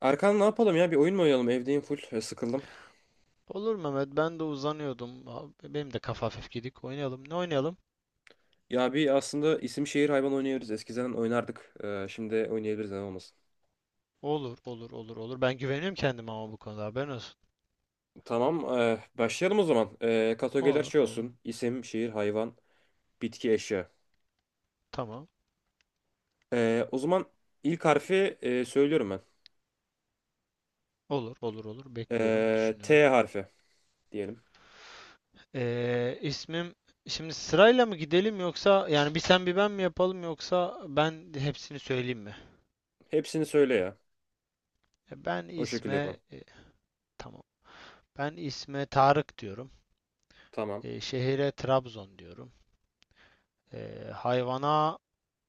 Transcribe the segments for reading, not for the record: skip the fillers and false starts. Erkan, ne yapalım ya? Bir oyun mu oynayalım? Evdeyim full. Sıkıldım. Olur Mehmet. Ben de uzanıyordum. Abi, benim de kafa hafif gidik. Oynayalım. Ne oynayalım? Bir aslında isim şehir hayvan oynayabiliriz. Eskiden oynardık. Şimdi oynayabiliriz, neden olmasın. Olur, olur, olur, olur. Ben güveniyorum kendime ama bu konuda haberin olsun. Tamam. Başlayalım o zaman. Kategoriler Olur, şey olur. olsun: İsim, şehir, hayvan, bitki, eşya. Tamam. O zaman ilk harfi söylüyorum ben. Olur, olur, olur. Bekliyorum, düşünüyorum. T harfi diyelim. İsmim Şimdi sırayla mı gidelim, yoksa yani bir sen bir ben mi yapalım, yoksa ben hepsini söyleyeyim mi? Hepsini söyle ya. E, Ben O şekilde isme yapalım. e, tamam. Ben isme Tarık diyorum. Tamam. Şehire Trabzon diyorum. Hayvana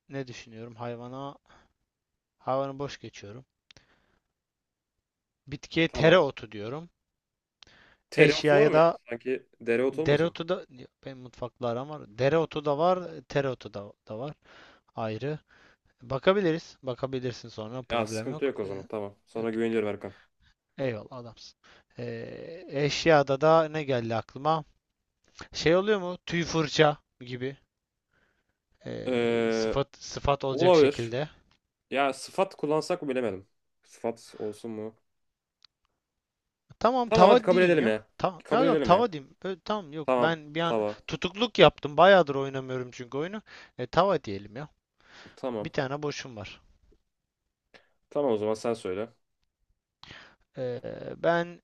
ne düşünüyorum? Hayvanı boş geçiyorum. Bitkiye Tamam. tereotu diyorum. Tereotu var Eşyaya mı ya? da Sanki dereotu olmasın? dereotu da benim mutfakla aram var. Dereotu da var, tereotu da var ayrı. Bakabiliriz. Bakabilirsin, sonra Ya problem sıkıntı yok. yok o Ee, zaman. Tamam. Sana yok yok. güveniyorum Erkan. Eyvallah, adamsın. Eşyada da ne geldi aklıma? Şey oluyor mu? Tüy fırça gibi, E, sıfat, sıfat olacak Olabilir. şekilde. Ya sıfat kullansak mı bilemedim. Sıfat olsun mu? Tamam, Tamam, hadi tava kabul diyeyim edelim ya. ya. Tamam. Kabul Yok, yok, edelim ya. tava diyeyim. Tamam, yok, Tamam. ben bir an Tava. tutukluk yaptım. Bayağıdır oynamıyorum çünkü oyunu. Tava diyelim ya. Bir Tamam. tane boşum var. Tamam, o zaman sen söyle. Ee, ben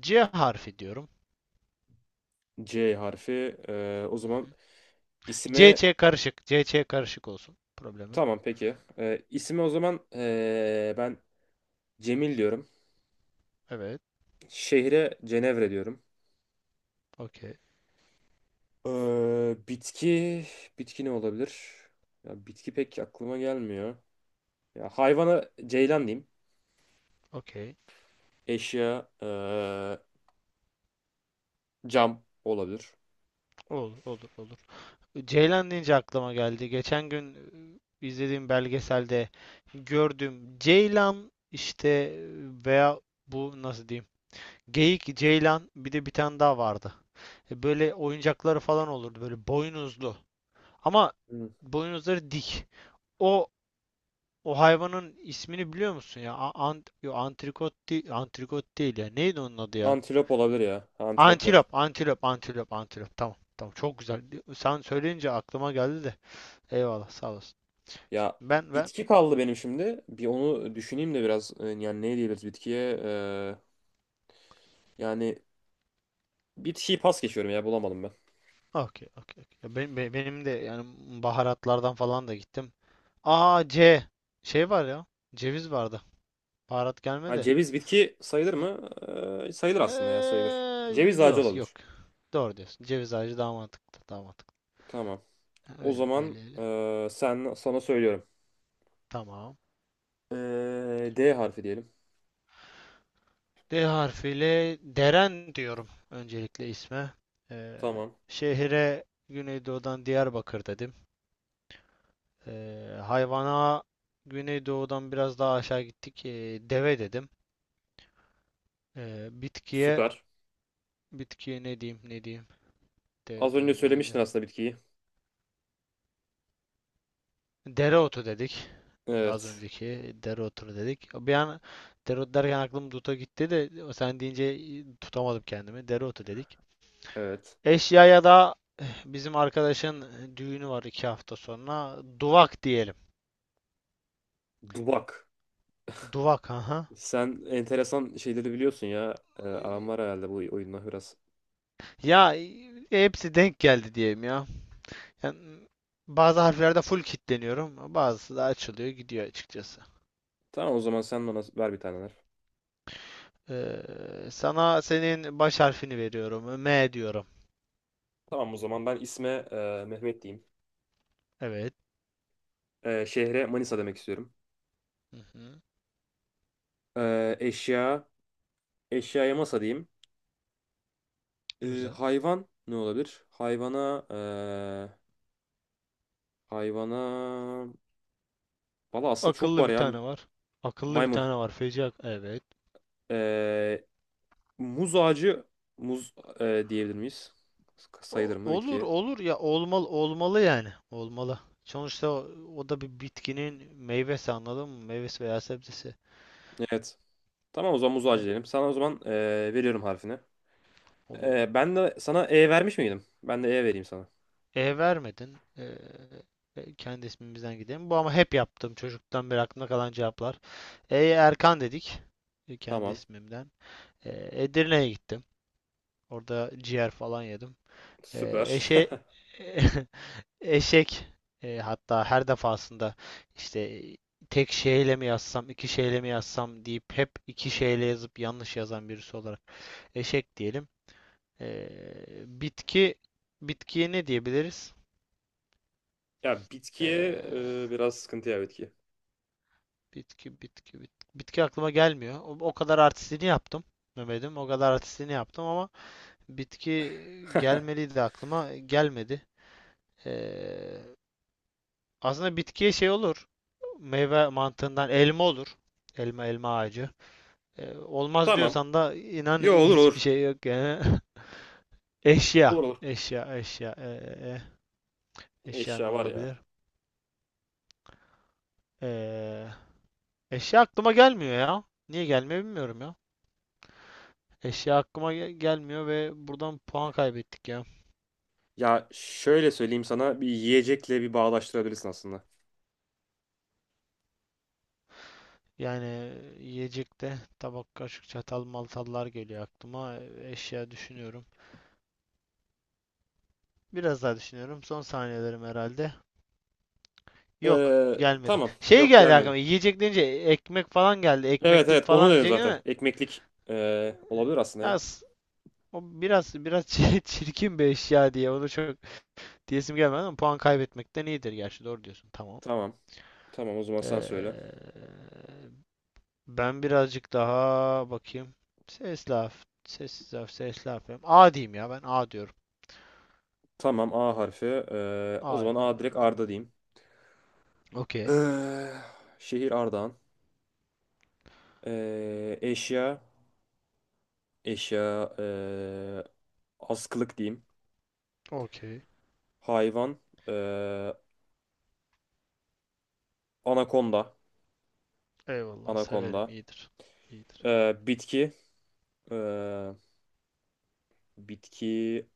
C harfi diyorum. C harfi. O Hı zaman hı. isime... CC karışık. C C karışık olsun. Problemi. Tamam, peki. İsime o zaman ben Cemil diyorum. Evet. Şehre Cenevre diyorum. Okey. E, bitki... Bitki ne olabilir? Ya bitki pek aklıma gelmiyor. Ya, hayvana ceylan diyeyim. Okey. Eşya cam olabilir. Olur. Olur. Olur. Ceylan deyince aklıma geldi. Geçen gün izlediğim belgeselde gördüm. Ceylan işte, veya bu nasıl diyeyim? Geyik, ceylan, bir de bir tane daha vardı. Böyle oyuncakları falan olurdu. Böyle boynuzlu. Ama Hı. boynuzları dik. O O hayvanın ismini biliyor musun ya? A- Ant Yo, antrikot değil, antrikot değil ya. Neydi onun adı ya? Antilop olabilir ya. Antiloplar. Antilop, antilop, antilop, antilop. Tamam, tamam. Çok güzel. Sen söyleyince aklıma geldi de. Eyvallah, sağ olasın. Ya Ben ben bitki kaldı benim şimdi. Bir onu düşüneyim de biraz. Yani ne diyebiliriz bitkiye? Yani bitkiyi pas geçiyorum ya, bulamadım ben. Okey, okey. Okey. Ya, benim de yani baharatlardan falan da gittim. Aa, C, şey var ya. Ceviz vardı. Baharat Ha, gelmedi. ceviz bitki sayılır mı? Sayılır aslında ya, sayılır. Ceviz Eee, ağacı yok, yok. olabilir. Doğru diyorsun. Ceviz ağacı daha mantıklı, daha mantıklı. Tamam. O Öyle, zaman öyle, öyle. Sen, sana söylüyorum. Tamam. D harfi diyelim. D harfiyle Deren diyorum öncelikle isme. Ee, Tamam. şehire Güneydoğu'dan Diyarbakır dedim. Hayvana Güneydoğu'dan biraz daha aşağı gittik. Deve dedim. Ee, bitkiye Süper. bitkiye ne diyeyim, ne diyeyim. De, Az önce de, de, söylemiştin de. aslında bitkiyi. Dereotu dedik. Az Evet. önceki dereotu dedik. Bir an dereotu derken aklım duta gitti de sen deyince tutamadım kendimi. Dereotu dedik. Evet. Eşyaya da bizim arkadaşın düğünü var iki hafta sonra. Duvak diyelim. Dubak. Duvak, aha. Sen enteresan şeyleri biliyorsun ya. Aram var herhalde bu oyunla biraz. Ya, hepsi denk geldi diyeyim ya. Yani, bazı harflerde full kilitleniyorum. Bazısı da açılıyor, gidiyor açıkçası. Tamam, o zaman sen bana ver bir taneler. Ee, sana senin baş harfini veriyorum. M diyorum. Tamam, o zaman ben isme Mehmet diyeyim. Evet. Şehre Manisa demek istiyorum. Hı hı. Eşya, eşyaya masa diyeyim. E, Güzel. Hayvan ne olabilir? Hayvana, hayvana... Valla aslında çok Akıllı var bir ya. tane var. Akıllı bir Maymun. tane var. Feci. Evet. E, Muz ağacı, muz diyebilir miyiz? Sayılır O- mı olur bitkiye? olur ya, olmalı olmalı, yani olmalı. Sonuçta o da bir bitkinin meyvesi, anladın mı? Meyvesi veya sebzesi. Evet. Tamam, o zaman muz ağacı E, diyelim. Sana o zaman veriyorum harfini. olur. Ben de sana E vermiş miydim? Ben de E vereyim sana. E vermedin. Kendi ismimizden gidelim. Bu ama hep yaptım çocuktan beri aklımda kalan cevaplar. Erkan dedik. Kendi Tamam. ismimden. E, Edirne'ye gittim. Orada ciğer falan yedim. E, Süper. eşe Eşek, hatta her defasında işte, tek şeyle mi yazsam, iki şeyle mi yazsam deyip hep iki şeyle yazıp yanlış yazan birisi olarak, eşek diyelim. E, bitki bitkiye ne diyebiliriz? Ya, bitkiye E, biraz sıkıntı ya, bitki. bitki aklıma gelmiyor. O kadar artistliğini yaptım. Mehmet'im, o kadar artistliğini yaptım ama bitki gelmeliydi, aklıma gelmedi. E, aslında bitkiye şey olur. Meyve mantığından elma olur. Elma, ağacı. Olmaz Tamam. diyorsan da inan Yo, olur hiçbir olur. şey yok yani. Eşya. Olur olur. Eşya, eşya. Eşya ne Eşya var ya. olabilir? Ee, eşya aklıma gelmiyor ya. Niye gelmiyor bilmiyorum ya. Eşya aklıma gelmiyor ve buradan puan kaybettik ya. Ya şöyle söyleyeyim sana, bir yiyecekle bir bağdaştırabilirsin aslında. Yani, yiyecekte tabak, kaşık, çatal, maltallar geliyor aklıma. Eşya düşünüyorum. Biraz daha düşünüyorum. Son saniyelerim herhalde. Yok, gelmedi. Tamam. Şey Yok, geldi gelmedi. aklıma. Yiyecek deyince ekmek falan geldi. Evet Ekmeklik evet, onu falan dedim diyecek zaten. ama Ekmeklik olabilir aslında ya. az. O biraz biraz çirkin bir eşya diye onu çok diyesim gelmedi ama puan kaybetmekten iyidir, gerçi doğru diyorsun, tamam. Tamam. Tamam, o zaman sen söyle. Ee, ben birazcık daha bakayım. Ses laf, ses laf, ses laf yapayım. A diyeyim ya, ben A diyorum. Tamam, A harfi. O A zaman ile A direkt ver Arda bakalım. diyeyim. Okey. Ee, Şehir Ardahan. Eşya, eşya, ee, askılık diyeyim. Okey. Hayvan, ee, anakonda, Eyvallah, severim, anakonda. iyidir. İyidir. Bitki, ee, bitki,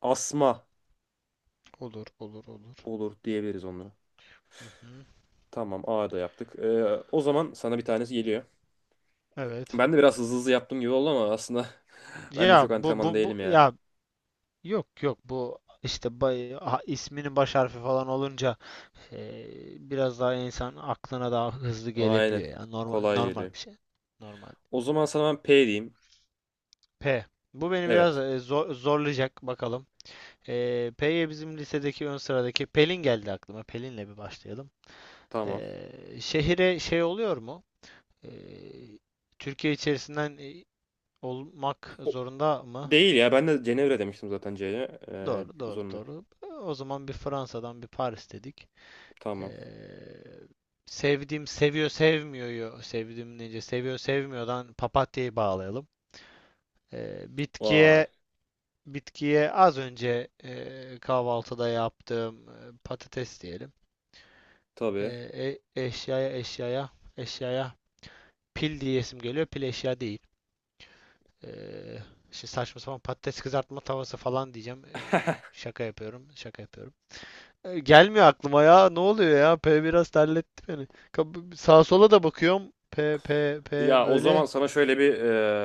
asma Olur, olur, olur. olur diyebiliriz onlara. Hı hı. Tamam, A da yaptık. O zaman sana bir tanesi geliyor. Evet. Ben de biraz hızlı hızlı yaptığım gibi oldu ama aslında ben de Ya, çok bu antrenman bu bu değilim ya. ya, yok, yok bu işte, isminin baş harfi falan olunca, Ee, biraz daha insan aklına daha hızlı gelebiliyor Aynen, ya. Normal, kolay normal geliyor. bir şey. Normal. O zaman sana ben P diyeyim. P. Bu beni biraz Evet, zorlayacak bakalım. P'ye bizim lisedeki ön sıradaki Pelin geldi aklıma. Pelin'le bir başlayalım. tamam. Ee, şehire şey oluyor mu? Ee, Türkiye içerisinden olmak O- zorunda mı? Değil ya, ben de Cenevre demiştim zaten C'ye. Doğru, doğru, Zorunlu. doğru. O zaman bir Fransa'dan bir Paris dedik. Tamam. Eee, sevdiğim seviyor, sevmiyor, sevdiğim nece seviyor, sevmiyordan papatyayı bağlayalım. Eee, Vay. bitkiye bitkiye az önce kahvaltıda yaptığım patates diyelim. Tabii. Eee, e- eşyaya eşyaya eşyaya pil diyesim geliyor. Pil eşya değil. Eee Şimdi saçma sapan patates kızartma tavası falan diyeceğim. Şaka yapıyorum. Şaka yapıyorum. Gelmiyor aklıma ya. Ne oluyor ya? P biraz terletti beni. Sağa sola da bakıyorum. P P P Ya o zaman böyle. sana şöyle bir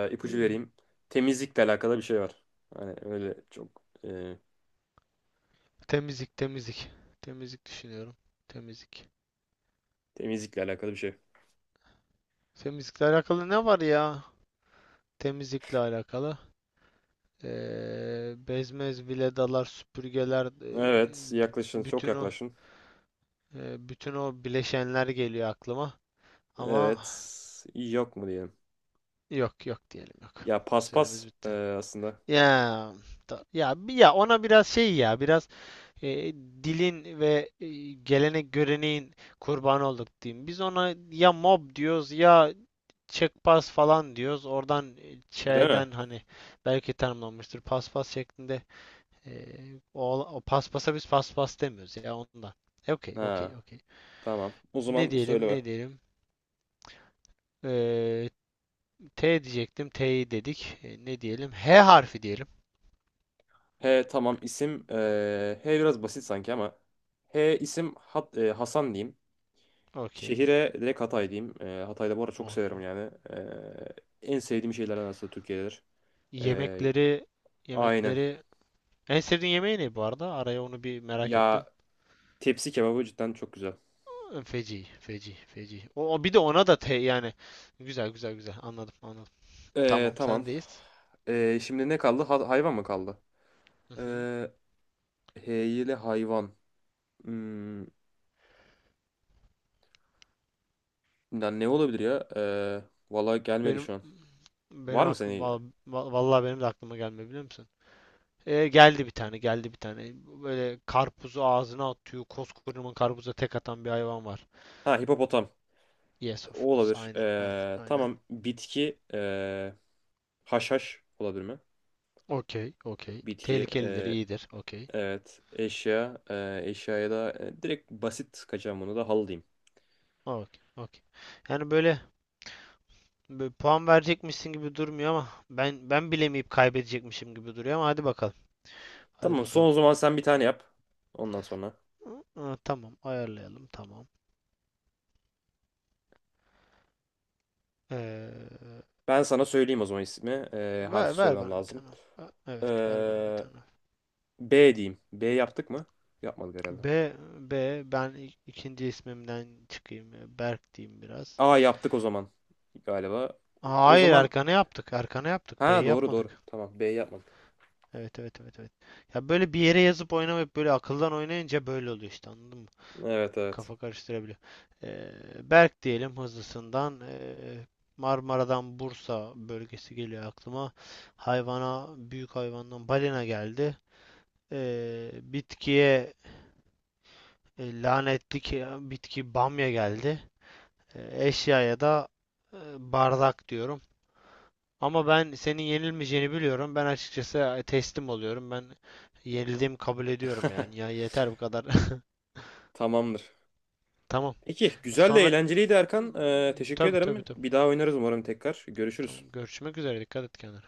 E, ipucu vereyim. Temizlikle alakalı bir şey var. Hani öyle çok temizlik, temizlik. Temizlik düşünüyorum. Temizlik. temizlikle alakalı bir şey. Temizlikle alakalı ne var ya? Temizlikle alakalı. Bezmez viledalar, süpürgeler, Evet, bü- yaklaşın, çok bütün o yaklaşın. bütün o bileşenler geliyor aklıma. Ama Evet, yok mu diyelim. yok, yok diyelim, yok. Ya Süremiz paspas bitti. aslında. Ya Ya ona biraz şey, ya biraz, e, dilin ve gelenek göreneğin kurbanı olduk diyeyim. Biz ona ya mob diyoruz, ya çekpas falan diyoruz. Oradan, Değil mi? şeyden, hani belki tanımlanmıştır paspas şeklinde. E, o paspasa biz paspas demiyoruz ya, ondan. Okey, Ha, okey, okey. tamam. O Ne zaman söyle diyelim, be. ne diyelim. E, T diyecektim, T'yi dedik. Ne diyelim? H harfi diyelim. He, tamam, isim H biraz basit sanki ama H isim Hasan diyeyim. Okey. Şehire direkt Hatay diyeyim. Hatay'da bu arada çok severim Okey. yani. En sevdiğim şeylerden aslında Türkiye'dedir. Ee, Yemekleri aynen. yemekleri, en sevdiğin yemeği ne bu arada? Araya onu bir merak Ya ettim. tepsi kebabı cidden çok güzel. Feci, feci, feci. O bir de ona da te yani. Güzel, güzel, güzel. Anladım, anladım. Tamam, Tamam. sendeyiz. Şimdi ne kaldı? Hayvan mı kaldı? Hı hı. Ee, Heyeli hayvan. Hmm, ya ne olabilir ya? Vallahi gelmedi Benim şu an. Var benim mı aklım senin? Vallahi, benim de aklıma gelmiyor, biliyor musun? Geldi bir tane, geldi bir tane. Böyle karpuzu ağzına atıyor. Koskocaman karpuza tek atan bir hayvan var. Ha, hipopotam. Yes, of O course. olabilir. Aynen, aynen, aynen. Tamam. Bitki. Haşhaş olabilir mi? Okey, okey. Bitki. Tehlikelidir, iyidir. Okey. Evet. Eşya. Eşyaya da direkt basit kaçacağım, bunu da halı diyeyim. Okey, okey. Yani böyle, böyle puan verecekmişsin gibi durmuyor ama ben bilemeyip kaybedecekmişim gibi duruyor ama hadi bakalım. Hadi Tamam son, bakalım. o zaman sen bir tane yap. Ondan sonra. Hı, tamam, ayarlayalım, tamam. Ee, Ben sana söyleyeyim o zaman ismi. Harfi ver söylemem bana bir lazım. tane. Evet, ver bana bir E, tane. B diyeyim. B yaptık mı? Yapmadık herhalde. B. İkinci ismimden çıkayım. Ya, Berk diyeyim biraz. A yaptık o zaman galiba. Aa, O hayır, zaman, arkana yaptık. Arkana yaptık. B'yi ha, doğru doğru. yapmadık. Tamam, B yapmadık. Evet, evet, evet, evet. Ya böyle bir yere yazıp oynamayıp böyle akıldan oynayınca böyle oluyor işte, anladın mı? Evet evet. Kafa karıştırabiliyor. Ee, Berk diyelim hızlısından. Marmara'dan Bursa bölgesi geliyor aklıma. Hayvana, büyük hayvandan balina geldi. Bitkiye lanetli ki, bitki bamya geldi. Eşyaya da e, bardak diyorum. Ama ben senin yenilmeyeceğini biliyorum. Ben açıkçası teslim oluyorum. Ben yenildiğimi kabul ediyorum yani. Ya yeter, bu kadar. Tamamdır. Tamam. Peki güzel de Sonra, eğlenceliydi Erkan. Teşekkür tabii, tabii, ederim. Bir tabii. daha oynarız umarım tekrar. Görüşürüz. Tamam, görüşmek üzere. Dikkat et kendine.